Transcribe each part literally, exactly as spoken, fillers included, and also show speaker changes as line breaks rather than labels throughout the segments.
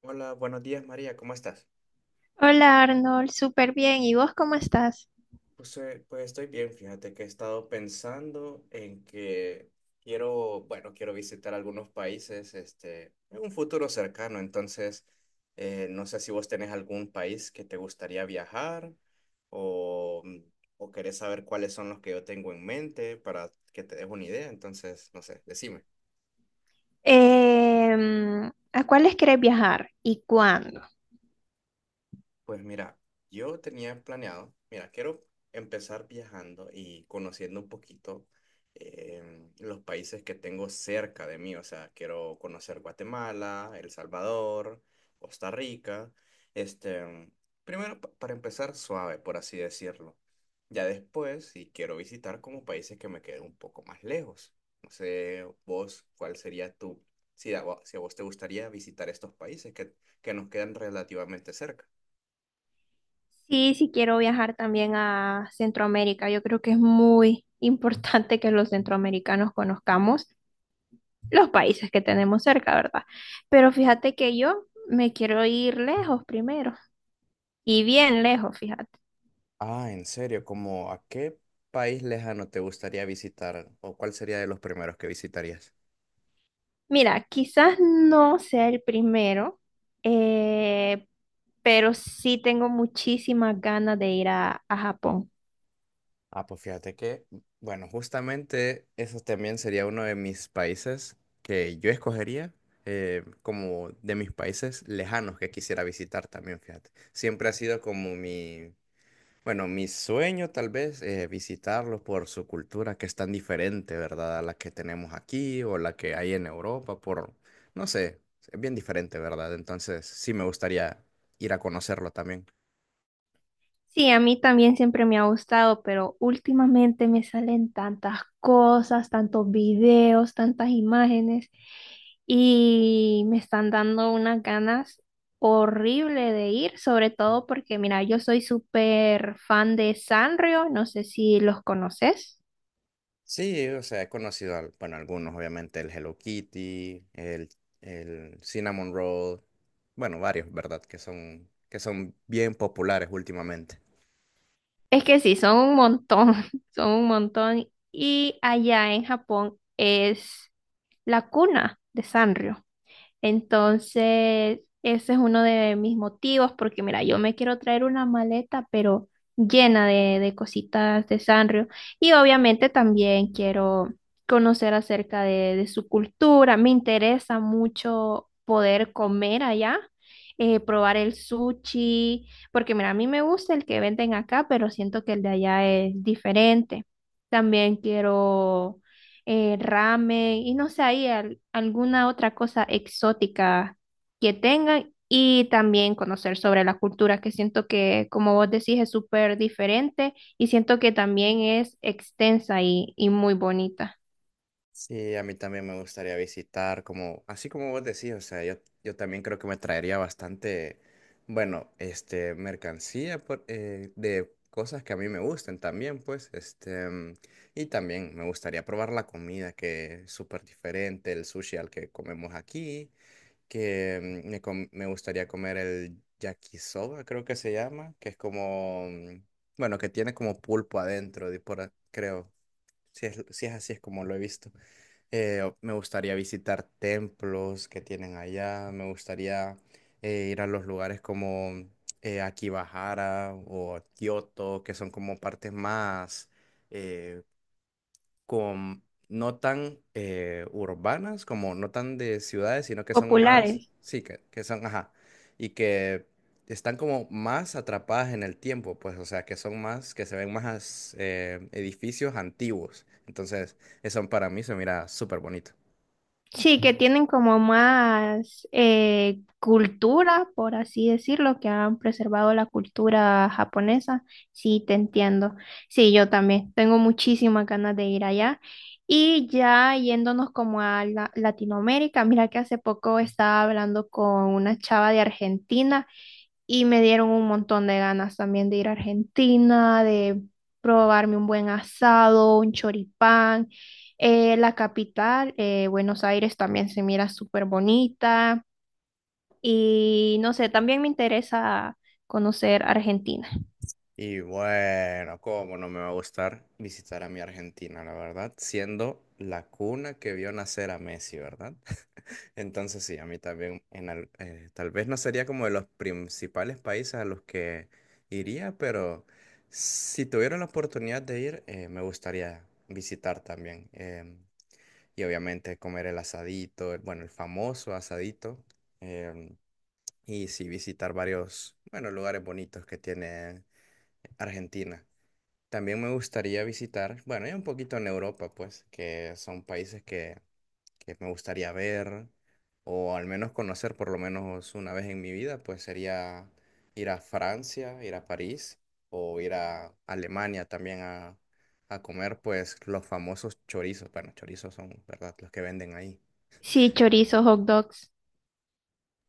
Hola, buenos días María, ¿cómo estás?
Hola Arnold, súper bien. ¿Y vos cómo estás?
Pues, eh, pues estoy bien, fíjate que he estado pensando en que quiero, bueno, quiero visitar algunos países, este, en un futuro cercano, entonces eh, no sé si vos tenés algún país que te gustaría viajar o, mm, o querés saber cuáles son los que yo tengo en mente para que te des una idea, entonces, no sé, decime.
Em, ¿a cuáles querés viajar y cuándo?
Pues mira, yo tenía planeado, mira, quiero empezar viajando y conociendo un poquito em, los países que tengo cerca de mí, o sea, quiero conocer Guatemala, El Salvador, Costa Rica, este, primero pa- para empezar suave, por así decirlo. Ya después, si quiero visitar como países que me queden un poco más lejos. No sé, vos, ¿cuál sería tu, si a, vo- ¿si a vos te gustaría visitar estos países que, que nos quedan relativamente cerca?
Sí, sí quiero viajar también a Centroamérica. Yo creo que es muy importante que los centroamericanos conozcamos los países que tenemos cerca, ¿verdad? Pero fíjate que yo me quiero ir lejos primero y bien lejos, fíjate.
Ah, en serio, ¿cómo a qué país lejano te gustaría visitar o cuál sería de los primeros que visitarías?
Mira, quizás no sea el primero, eh, pero sí tengo muchísimas ganas de ir a, a Japón.
Ah, pues fíjate que, bueno, justamente eso también sería uno de mis países que yo escogería, eh, como de mis países lejanos que quisiera visitar también, fíjate. Siempre ha sido como mi, Bueno, Mi sueño tal vez es visitarlos por su cultura que es tan diferente, ¿verdad? A la que tenemos aquí o la que hay en Europa, por, no sé, es bien diferente, ¿verdad? Entonces sí me gustaría ir a conocerlo también.
Sí, a mí también siempre me ha gustado, pero últimamente me salen tantas cosas, tantos videos, tantas imágenes y me están dando unas ganas horrible de ir, sobre todo porque, mira, yo soy súper fan de Sanrio, no sé si los conoces.
Sí, o sea, he conocido, al- bueno, algunos, obviamente, el Hello Kitty, el, el Cinnamon Roll, bueno, varios, ¿verdad? Que son, que son bien populares últimamente.
Es que sí, son un montón, son un montón. Y allá en Japón es la cuna de Sanrio. Entonces, ese es uno de mis motivos, porque mira, yo me quiero traer una maleta, pero llena de, de cositas de Sanrio. Y obviamente también quiero conocer acerca de, de su cultura. Me interesa mucho poder comer allá, eh, probar el sushi, porque mira, a mí me gusta el que venden acá, pero siento que el de allá es diferente. También quiero eh, ramen y no sé, ahí al- alguna otra cosa exótica que tengan y también conocer sobre la cultura, que siento que, como vos decís, es súper diferente y siento que también es extensa y, y muy bonita.
Sí, a mí también me gustaría visitar, como, así como vos decís, o sea, yo, yo también creo que me traería bastante, bueno, este, mercancía por- eh, de cosas que a mí me gusten también, pues, este, mm, Y también me gustaría probar la comida que es súper diferente, el sushi al que comemos aquí, que mm, me, com- me gustaría comer el yakisoba, creo que se llama, que es como, mm, bueno, que tiene como pulpo adentro, de por a- creo, si es, si es así es como lo he visto. Eh, o- me gustaría visitar templos que tienen allá, me gustaría eh, ir a los lugares como, eh, Akibahara o Kioto, que son como partes más, eh, con- no tan eh, urbanas, como no tan de ciudades, sino que son más,
Populares.
sí, que, que son, ajá, y que están como más atrapadas en el tiempo, pues, o sea, que son más, que se ven más eh, edificios antiguos. Entonces, eso para mí se mira súper bonito.
Sí, que tienen como más eh, cultura, por así decirlo, que han preservado la cultura japonesa. Sí, te entiendo. Sí, yo también. Tengo muchísimas ganas de ir allá. Y ya yéndonos como a la- Latinoamérica, mira que hace poco estaba hablando con una chava de Argentina y me dieron un montón de ganas también de ir a Argentina, de probarme un buen asado, un choripán. Eh, la capital, eh, Buenos Aires, también se mira súper bonita. Y no sé, también me interesa conocer Argentina.
Y bueno, ¿cómo no me va a gustar visitar a mi Argentina, la verdad? Siendo la cuna que vio nacer a Messi, ¿verdad? Entonces sí, a mí también, en al- eh, tal vez no sería como de los principales países a los que iría, pero si tuviera la oportunidad de ir, eh, me gustaría visitar también. Em, y obviamente comer el asadito, el- bueno, el famoso asadito. em, y sí, visitar varios, bueno, lugares bonitos que tiene Argentina. También me gustaría visitar, bueno, y un poquito en Europa, pues, que son países que, que me gustaría ver o al menos conocer por lo menos una vez en mi vida, pues sería ir a Francia, ir a París o ir a Alemania también a, a comer, pues, los famosos chorizos. Bueno, chorizos son, ¿verdad?, los que venden ahí.
Sí, chorizos, hot dogs.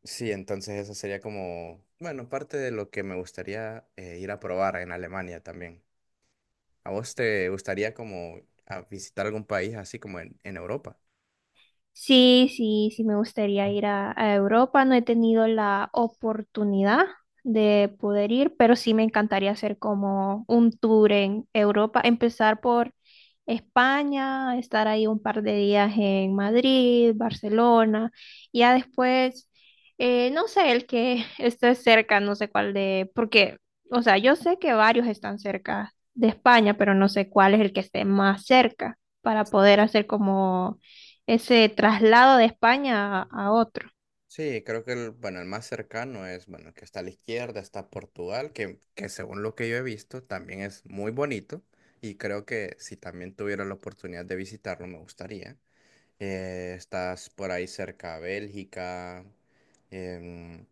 Sí, entonces eso sería como, bueno, parte de lo que me gustaría, eh, ir a probar en Alemania también. ¿A vos te gustaría como a visitar algún país así como en, en Europa?
Sí, sí, sí, me gustaría ir a, a Europa. No he tenido la oportunidad de poder ir, pero sí me encantaría hacer como un tour en Europa, empezar por España, estar ahí un par de días en Madrid, Barcelona, y ya después, eh, no sé, el que esté cerca, no sé cuál de, porque, o sea, yo sé que varios están cerca de España, pero no sé cuál es el que esté más cerca para poder hacer como ese traslado de España a, a otro.
Sí, creo que el, bueno, el más cercano es, bueno, el que está a la izquierda, está Portugal, que, que según lo que yo he visto también es muy bonito y creo que si también tuviera la oportunidad de visitarlo me gustaría. Eh, estás por ahí cerca Bélgica. em,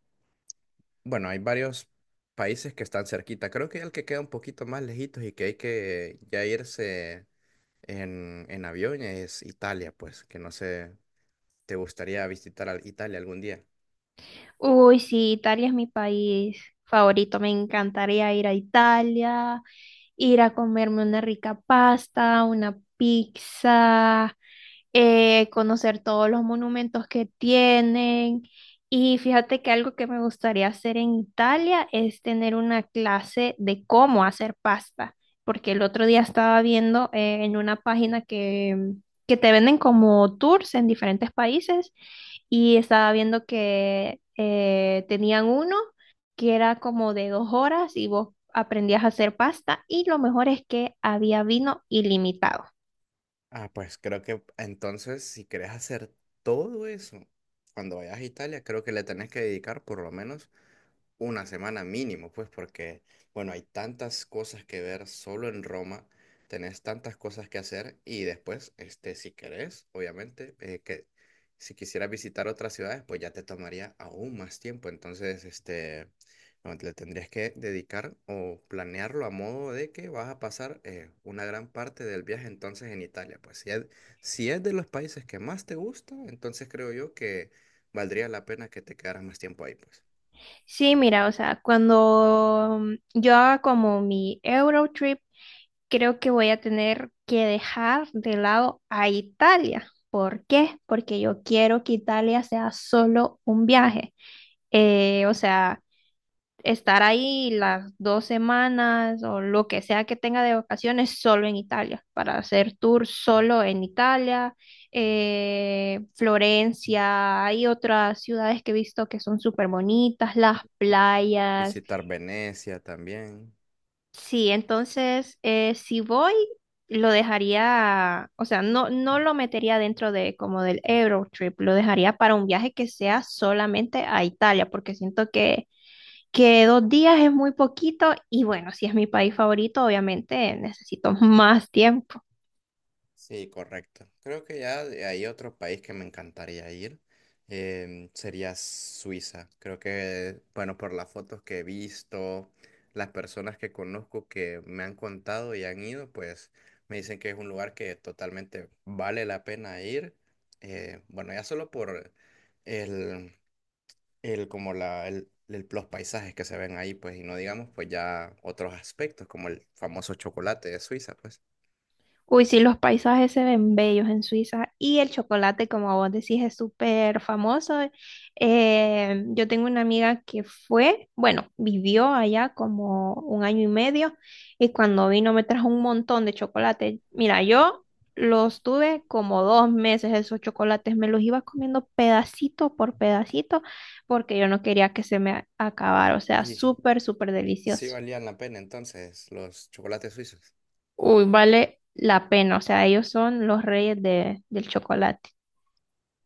bueno, hay varios países que están cerquita. Creo que el que queda un poquito más lejitos y que hay que ya irse en, en avión es Italia, pues, que no sé, ¿te gustaría visitar al- Italia algún día?
Uy, sí, Italia es mi país favorito. Me encantaría ir a Italia, ir a comerme una rica pasta, una pizza, eh, conocer todos los monumentos que tienen. Y fíjate que algo que me gustaría hacer en Italia es tener una clase de cómo hacer pasta, porque el otro día estaba viendo eh, en una página que, mm, que te venden como tours en diferentes países y estaba viendo que eh, tenían uno que era como de dos horas y vos aprendías a hacer pasta y lo mejor es que había vino ilimitado.
Ah, pues creo que entonces si querés hacer todo eso cuando vayas a Italia, creo que le tenés que dedicar por lo menos una semana mínimo, pues porque, bueno, hay tantas cosas que ver solo en Roma, tenés tantas cosas que hacer y después, este, si querés, obviamente, eh, que si quisieras visitar otras ciudades, pues ya te tomaría aún más tiempo. Entonces, este, no, le tendrías que dedicar o planearlo a modo de que vas a pasar, eh, una gran parte del viaje entonces en Italia. Pues si es, si es de los países que más te gusta, entonces creo yo que valdría la pena que te quedaras más tiempo ahí, pues.
Sí, mira, o sea, cuando mm, yo haga como mi Eurotrip, creo que voy a tener que dejar de lado a Italia. ¿Por qué? Porque yo quiero que Italia sea solo un viaje. Eh, o sea, estar ahí las dos semanas o lo que sea que tenga de vacaciones solo en Italia, para hacer tour solo en Italia, eh, Florencia, hay otras ciudades que he visto que son súper bonitas, las playas.
Visitar Venecia también.
Sí, entonces eh, si voy, lo dejaría, o sea, no, no lo metería dentro de como del Eurotrip, lo dejaría para un viaje que sea solamente a Italia, porque siento que, que, dos días es muy poquito y bueno, si es mi país favorito, obviamente necesito más tiempo.
Sí, correcto. Creo que ya de- hay otro país que me encantaría ir. Em, sería Suiza. Creo que, bueno, por las fotos que he visto, las personas que conozco que me han contado y han ido, pues me dicen que es un lugar que totalmente vale la pena ir. Eh, bueno, ya solo por el, el como la, el- el- los paisajes que se ven ahí, pues, y no digamos, pues ya otros aspectos, como el famoso chocolate de Suiza, pues.
Uy, sí, los paisajes se ven bellos en Suiza y el chocolate, como vos decís, es súper famoso. Eh, yo tengo una amiga que fue, bueno, vivió allá como un año y medio y cuando vino me trajo un montón de chocolate. Mira, yo los tuve como dos meses esos chocolates, me los iba comiendo pedacito por pedacito porque yo no quería que se me acabara, o sea,
Y
súper, súper
sí
delicioso.
valían la pena entonces los chocolates suizos.
Uy, vale la pena. O sea, ellos son los reyes de, del chocolate.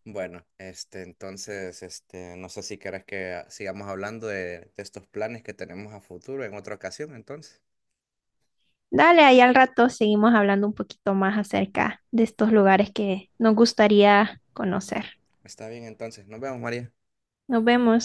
Bueno, este, entonces, este, no sé si querés que ah, sigamos hablando de, de estos planes que tenemos a futuro en otra ocasión, entonces.
Dale, ahí al rato seguimos hablando un poquito más acerca de estos lugares que nos gustaría conocer.
Está bien, entonces. Nos vemos, María.
Nos vemos.